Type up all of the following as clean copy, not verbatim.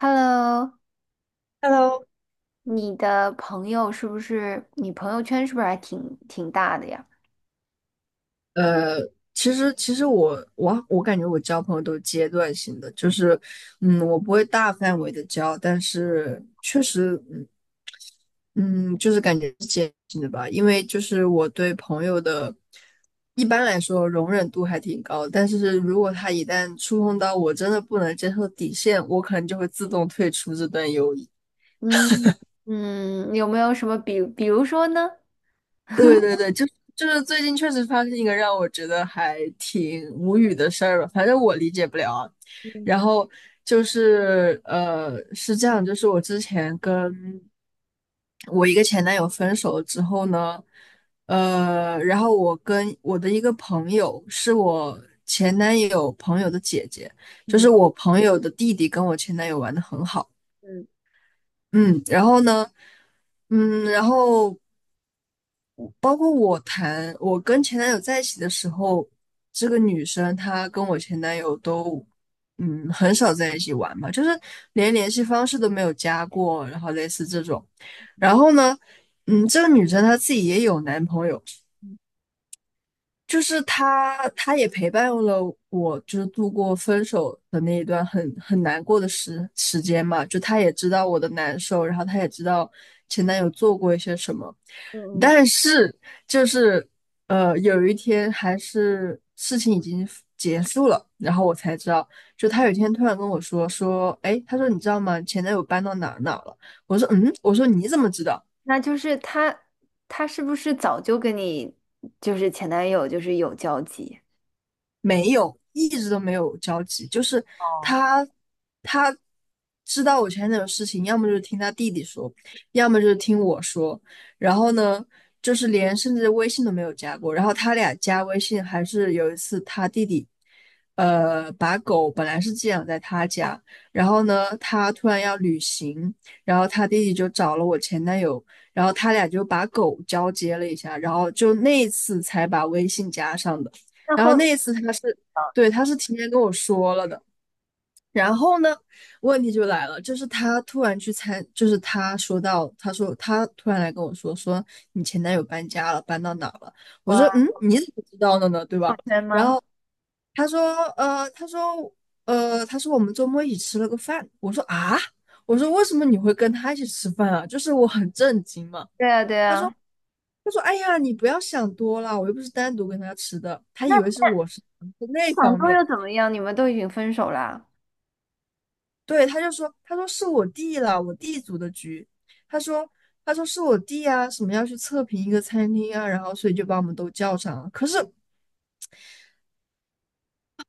Hello,Hello，你的朋友是不是你朋友圈是不是还挺大的呀？呃，其实我感觉我交朋友都是阶段性的，就是，我不会大范围的交，但是确实，嗯，就是感觉是阶段性的吧。因为就是我对朋友的，一般来说容忍度还挺高，但是如果他一旦触碰到我真的不能接受底线，我可能就会自动退出这段友谊。嗯嗯，有没有什么比如说呢？对对对，就是最近确实发生一个让我觉得还挺无语的事儿吧，反正我理解不了啊。嗯然后就是是这样，就是我之前跟我一个前男友分手了之后呢，然后我跟我的一个朋友，是我前男友朋友的姐姐，就嗯是我朋友的弟弟，跟我前男友玩的很好。嗯嗯，然后呢，然后。包括我我跟前男友在一起的时候，这个女生她跟我前男友都很少在一起玩嘛，就是连联系方式都没有加过，然后类似这种。然后呢，这个女生她自己也有男朋友，嗯就是她也陪伴了我，就是度过分手的那一段很难过的时间嘛，就她也知道我的难受，然后她也知道前男友做过一些什么。嗯，但是就是有一天还是事情已经结束了，然后我才知道，就他有一天突然跟我说，哎，他说你知道吗？前男友搬到哪儿了？我说嗯，我说你怎么知道？那就是他是不是早就跟你就是前男友就是有交集？没有，一直都没有交集。就是哦，他，他知道我前男友的事情，要么就是听他弟弟说，要么就是听我说。然后呢，就是连甚至微信都没有加过。然后他俩加微信，还是有一次他弟弟，把狗本来是寄养在他家，然后呢，他突然要旅行，然后他弟弟就找了我前男友，然后他俩就把狗交接了一下，然后就那一次才把微信加上的。那然后后那一次他是，对，他是提前跟我说了的。然后呢，问题就来了，就是他突然去参，就是他说他突然来跟我说，说你前男友搬家了，搬到哪儿了？我说，我嗯，你怎么知道的呢？对朋吧？友圈吗？他说，呃，他说，他说我们周末一起吃了个饭。我说啊，我说为什么你会跟他一起吃饭啊？就是我很震惊嘛。对啊对他说，啊，他说，哎呀，你不要想多了，我又不是单独跟他吃的，他以那为我是那想方多面。又怎么样？你们都已经分手啦。对，他说是我弟了，我弟组的局。他说，他说是我弟啊，什么要去测评一个餐厅啊，然后所以就把我们都叫上了。可是不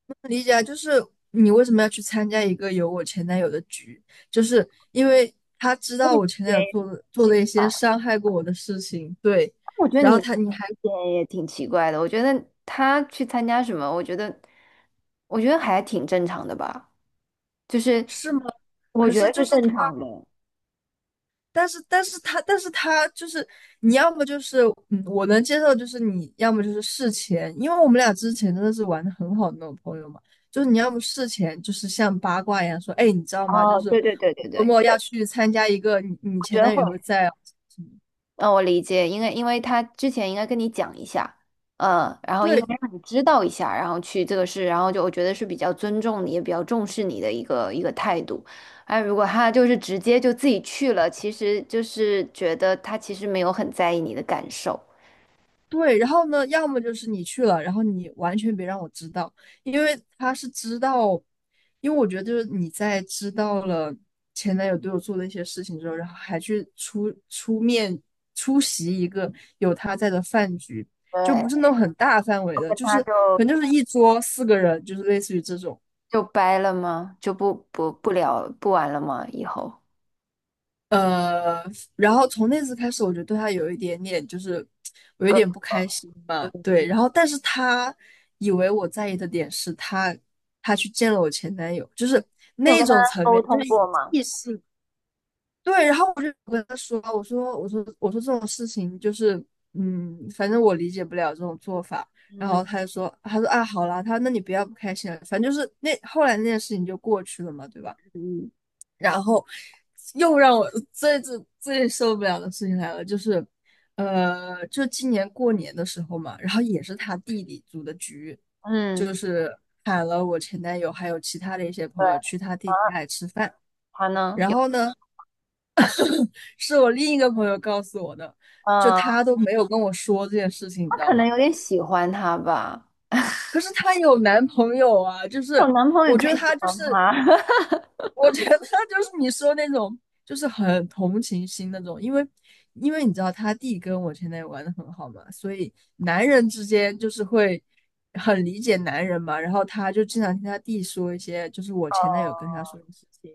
能理解啊，就是你为什么要去参加一个有我前男友的局？就是因为他知那道你我前男友做了一些伤害过我的事情，对。我觉得然你后他，你还也也挺奇怪的。我觉得他去参加什么，我觉得，我觉得还挺正常的吧。就是是吗？我可觉是得就是是。正他。常的。但是他就是你要么就是，嗯，我能接受，就是你要么就是事前，因为我们俩之前真的是玩的很好的那种朋友嘛，就是你要么事前就是像八卦一样说，哎，你知道吗？就哦，是对对对我对周对，末要去参加一个你我觉前得男友会。也会在啊，嗯，我理解，因为因为他之前应该跟你讲一下，嗯，然后应该让你知道一下，然后去这个事，然后就我觉得是比较尊重你，也比较重视你的一个态度。哎，如果他就是直接就自己去了，其实就是觉得他其实没有很在意你的感受。对，然后呢，要么就是你去了，然后你完全别让我知道，因为他是知道，因为我觉得就是你在知道了前男友对我做的一些事情之后，然后还去出面出席一个有他在的饭局，就对，不是那种很大范围的，就他是可能就就是一桌四个人，就是类似于这种，就掰了吗？就不聊不玩了吗？以后？呃，然后从那次开始，我就对他有一点点，就是我有点不开心嘛。对，然后但是他以为我在意的点是他，他去见了我前男友，就是你有跟他沟通过吗？异性，对。然后我就跟他说，我说这种事情就是，反正我理解不了这种做法。然嗯后他说啊，好啦，他说那你不要不开心了，反正就是那后来那件事情就过去了嘛，对吧？嗯，然后又让我最最最受不了的事情来了，就是，就今年过年的时候嘛，然后也是他弟弟组的局，嗯，就是喊了我前男友还有其他的一些对朋友去他弟弟啊，家里吃饭。他呢？然有，后呢，是我另一个朋友告诉我的，就嗯，他都没有跟我说这件事情，你他知道可能吗？有点喜欢他吧，可是她有男朋友啊，就有是男朋友也我可觉以得喜她就欢是他。我觉得就是你说那种，就是很同情心那种，因为你知道他弟跟我前男友玩的很好嘛，所以男人之间就是会很理解男人嘛。然后他就经常听他弟说一些，就是我前男友跟他哦说的事情。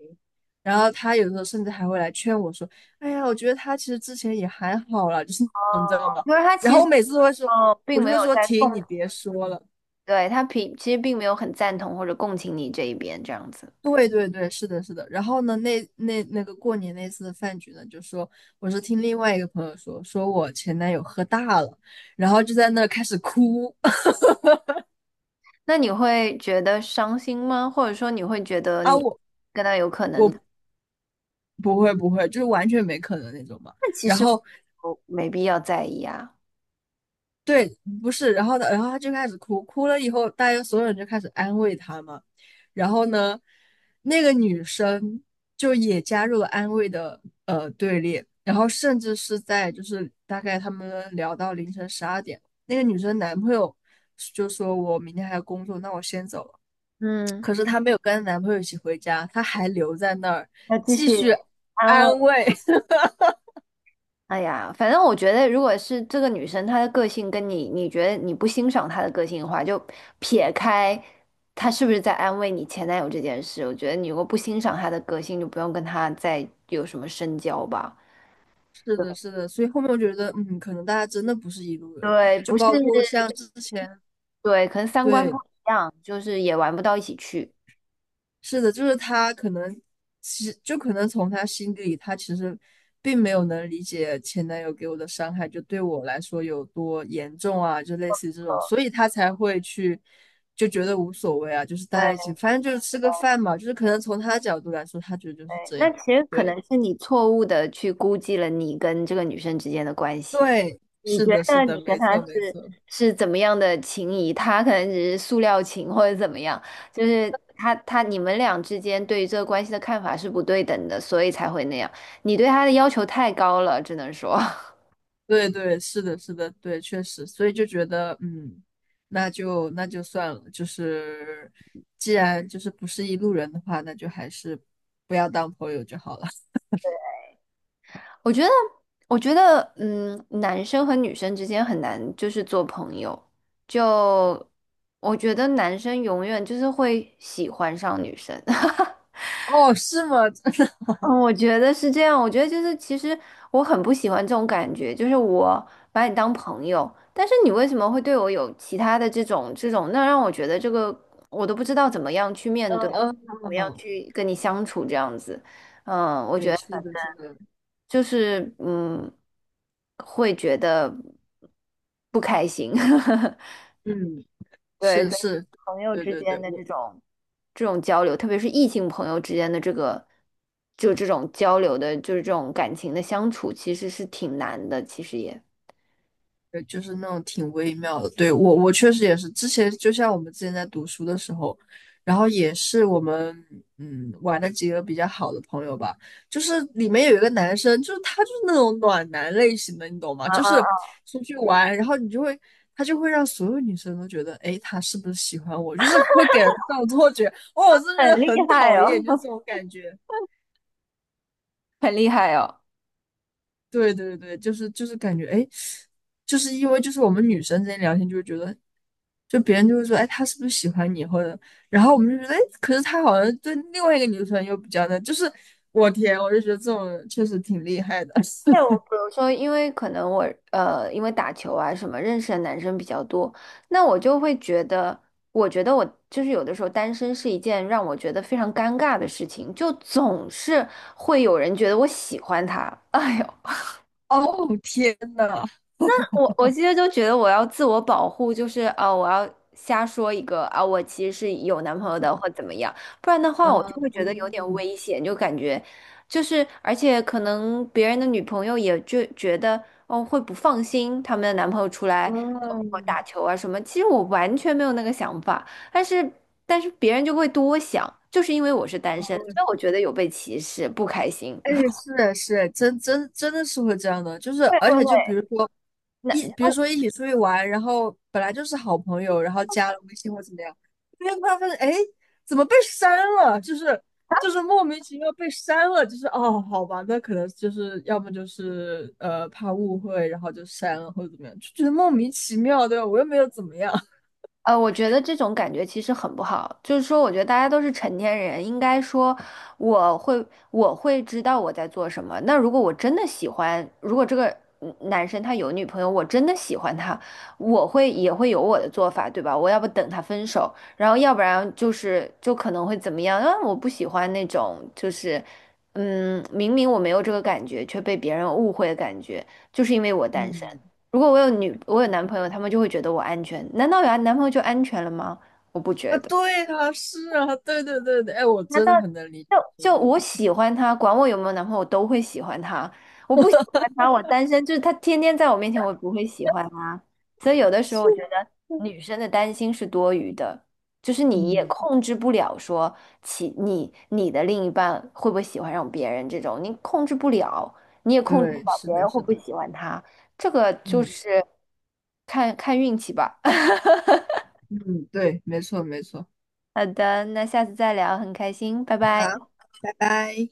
然后他有时候甚至还会来劝我说：“哎呀，我觉得他其实之前也还好啦。”就是，哦因为他 然其后实哦，我并就没有会说：在共“停，你别说了。”对他并其实并没有很赞同或者共情你这一边这样子。对对对，是的，是的。然后呢，那个过年那次的饭局呢，就说我是听另外一个朋友说，说我前男友喝大了，然后就在那儿开始哭。 那你会觉得伤心吗？或者说你会觉得啊，你我跟他有可能？我的？不会不会，就是完全没可能那种嘛。那其然实后我没必要在意啊。对，不是，然后呢，然后他就开始哭，哭了以后，大家所有人就开始安慰他嘛。然后呢，那个女生就也加入了安慰的队列，然后甚至是在就是大概他们聊到凌晨12点，那个女生男朋友就说我明天还要工作，那我先走了。嗯可是她没有跟男朋友一起回家，她还留在那儿要继继续续安安慰。慰。哎呀，反正我觉得，如果是这个女生她的个性跟你，你觉得你不欣赏她的个性的话，就撇开她是不是在安慰你前男友这件事，我觉得你如果不欣赏她的个性，就不用跟她再有什么深交吧。是对的，是的，所以后面我觉得，嗯，可能大家真的不是一路人，对，就不是，包括像之前，对，可能三观不对，一样，就是也玩不到一起去。是的，就是他可能，其实就可能从他心底里，他其实并没有能理解前男友给我的伤害，就对我来说有多严重啊，就类似于这种，所以他才会去就觉得无所谓啊，就是大家一对。起，反正就是吃个饭嘛，就是可能从他的角度来说，他觉得就是对，这那样，其实可对，能是你错误的去估计了你跟这个女生之间的关系。对，你是觉的，是得的，你跟没她错，没是错。是怎么样的情谊？她可能只是塑料情或者怎么样，就是她你们俩之间对于这个关系的看法是不对等的，所以才会那样。你对她的要求太高了，只能说，对对，是的，是的，对，确实，所以就觉得，嗯，那就算了，就是既然就是不是一路人的话，那就还是不要当朋友就好了。我觉得我觉得嗯，男生和女生之间很难就是做朋友，就我觉得男生永远就是会喜欢上女生。哦，是吗？真的？嗯，我觉得是这样。我觉得就是，其实我很不喜欢这种感觉，就是我把你当朋友，但是你为什么会对我有其他的这种，那让我觉得这个我都不知道怎么样去面嗯对，怎嗯么嗯，样嗯去跟你相处，这样子，对，是的，是的，就是嗯，会觉得不开心。嗯，对，是所以是，朋友对之对间对，的这我种。这种交流，特别是异性朋友之间的这个，就这种交流的，就是这种感情的相处，其实是挺难的，其实也对，就是那种挺微妙的。对，我确实也是，之前就像我们之前在读书的时候，然后也是我们玩的几个比较好的朋友吧，就是里面有一个男生，就是他就是那种暖男类型的，你懂吗？啊就啊是啊，出去玩，然后你就会他就会让所有女生都觉得，哎，他是不是喜欢我？就是会给人这种错觉，哦，我真的很觉厉得很害讨哦！厌，就这种感觉。很厉害哦。对对对，就是感觉，哎，就是因为就是我们女生之间聊天，就会觉得，就别人就会说，哎，他是不是喜欢你，或者，然后我们就觉得，哎，可是他好像对另外一个女生又比较的，就是我天，我就觉得这种人确实挺厉害的。哎，我比 如说，因为可能我因为打球啊什么，认识的男生比较多，那我就会觉得，我觉得我就是有的时候单身是一件让我觉得非常尴尬的事情，就总是会有人觉得我喜欢他，哎呦，哦，天呐，我其实就觉得我要自我保护，就是我要瞎说一个啊、我其实是有男朋友的或怎么样，不然的话我嗯就会觉得有点危险，就感觉就是而且可能别人的女朋友也就觉得哦会不放心他们的男朋友出来跟我嗯，打球啊什么，其实我完全没有那个想法，但是但是别人就会多想，就是因为我是单身，所以我觉得有被歧视，不开心。哎，是是，真的是会这样的，就是会而会且会，就比如说比那。如说一起出去玩，然后本来就是好朋友，然后加了微信或怎么样，突然发现，哎，怎么被删了？就是莫名其妙被删了，就是哦，好吧，那可能就是要么就是怕误会，然后就删了或者怎么样，就觉得莫名其妙，对吧？我又没有怎么样。 我觉得这种感觉其实很不好，就是说，我觉得大家都是成年人，应该说我会我会知道我在做什么。那如果我真的喜欢，如果这个嗯男生他有女朋友，我真的喜欢他，我会也会有我的做法，对吧？我要不等他分手，然后要不然就是就可能会怎么样？啊，我不喜欢那种就是嗯，明明我没有这个感觉，却被别人误会的感觉，就是因为我单身。嗯，如果我有女，我有男朋友，他们就会觉得我安全。难道有男朋友就安全了吗？我不啊，觉得。对啊，是啊，对对对对，哎，我难真道的很能理解就这个，就我喜欢他，管我有没有男朋友，我都会喜欢他。我不喜欢他，我单身，就是他天天在我面前，我也不会喜欢他。所以有的时候是我觉得的。女生的担心是多余的，就是你也嗯。控制不了说其你的另一半会不会喜欢上别人这种，你控制不了，你也控制不对，了是别的，人会是不会的，喜欢他，这个就嗯是看看运气吧。嗯，对，没错，没错，好的，那下次再聊，很开心，拜拜。好，拜拜。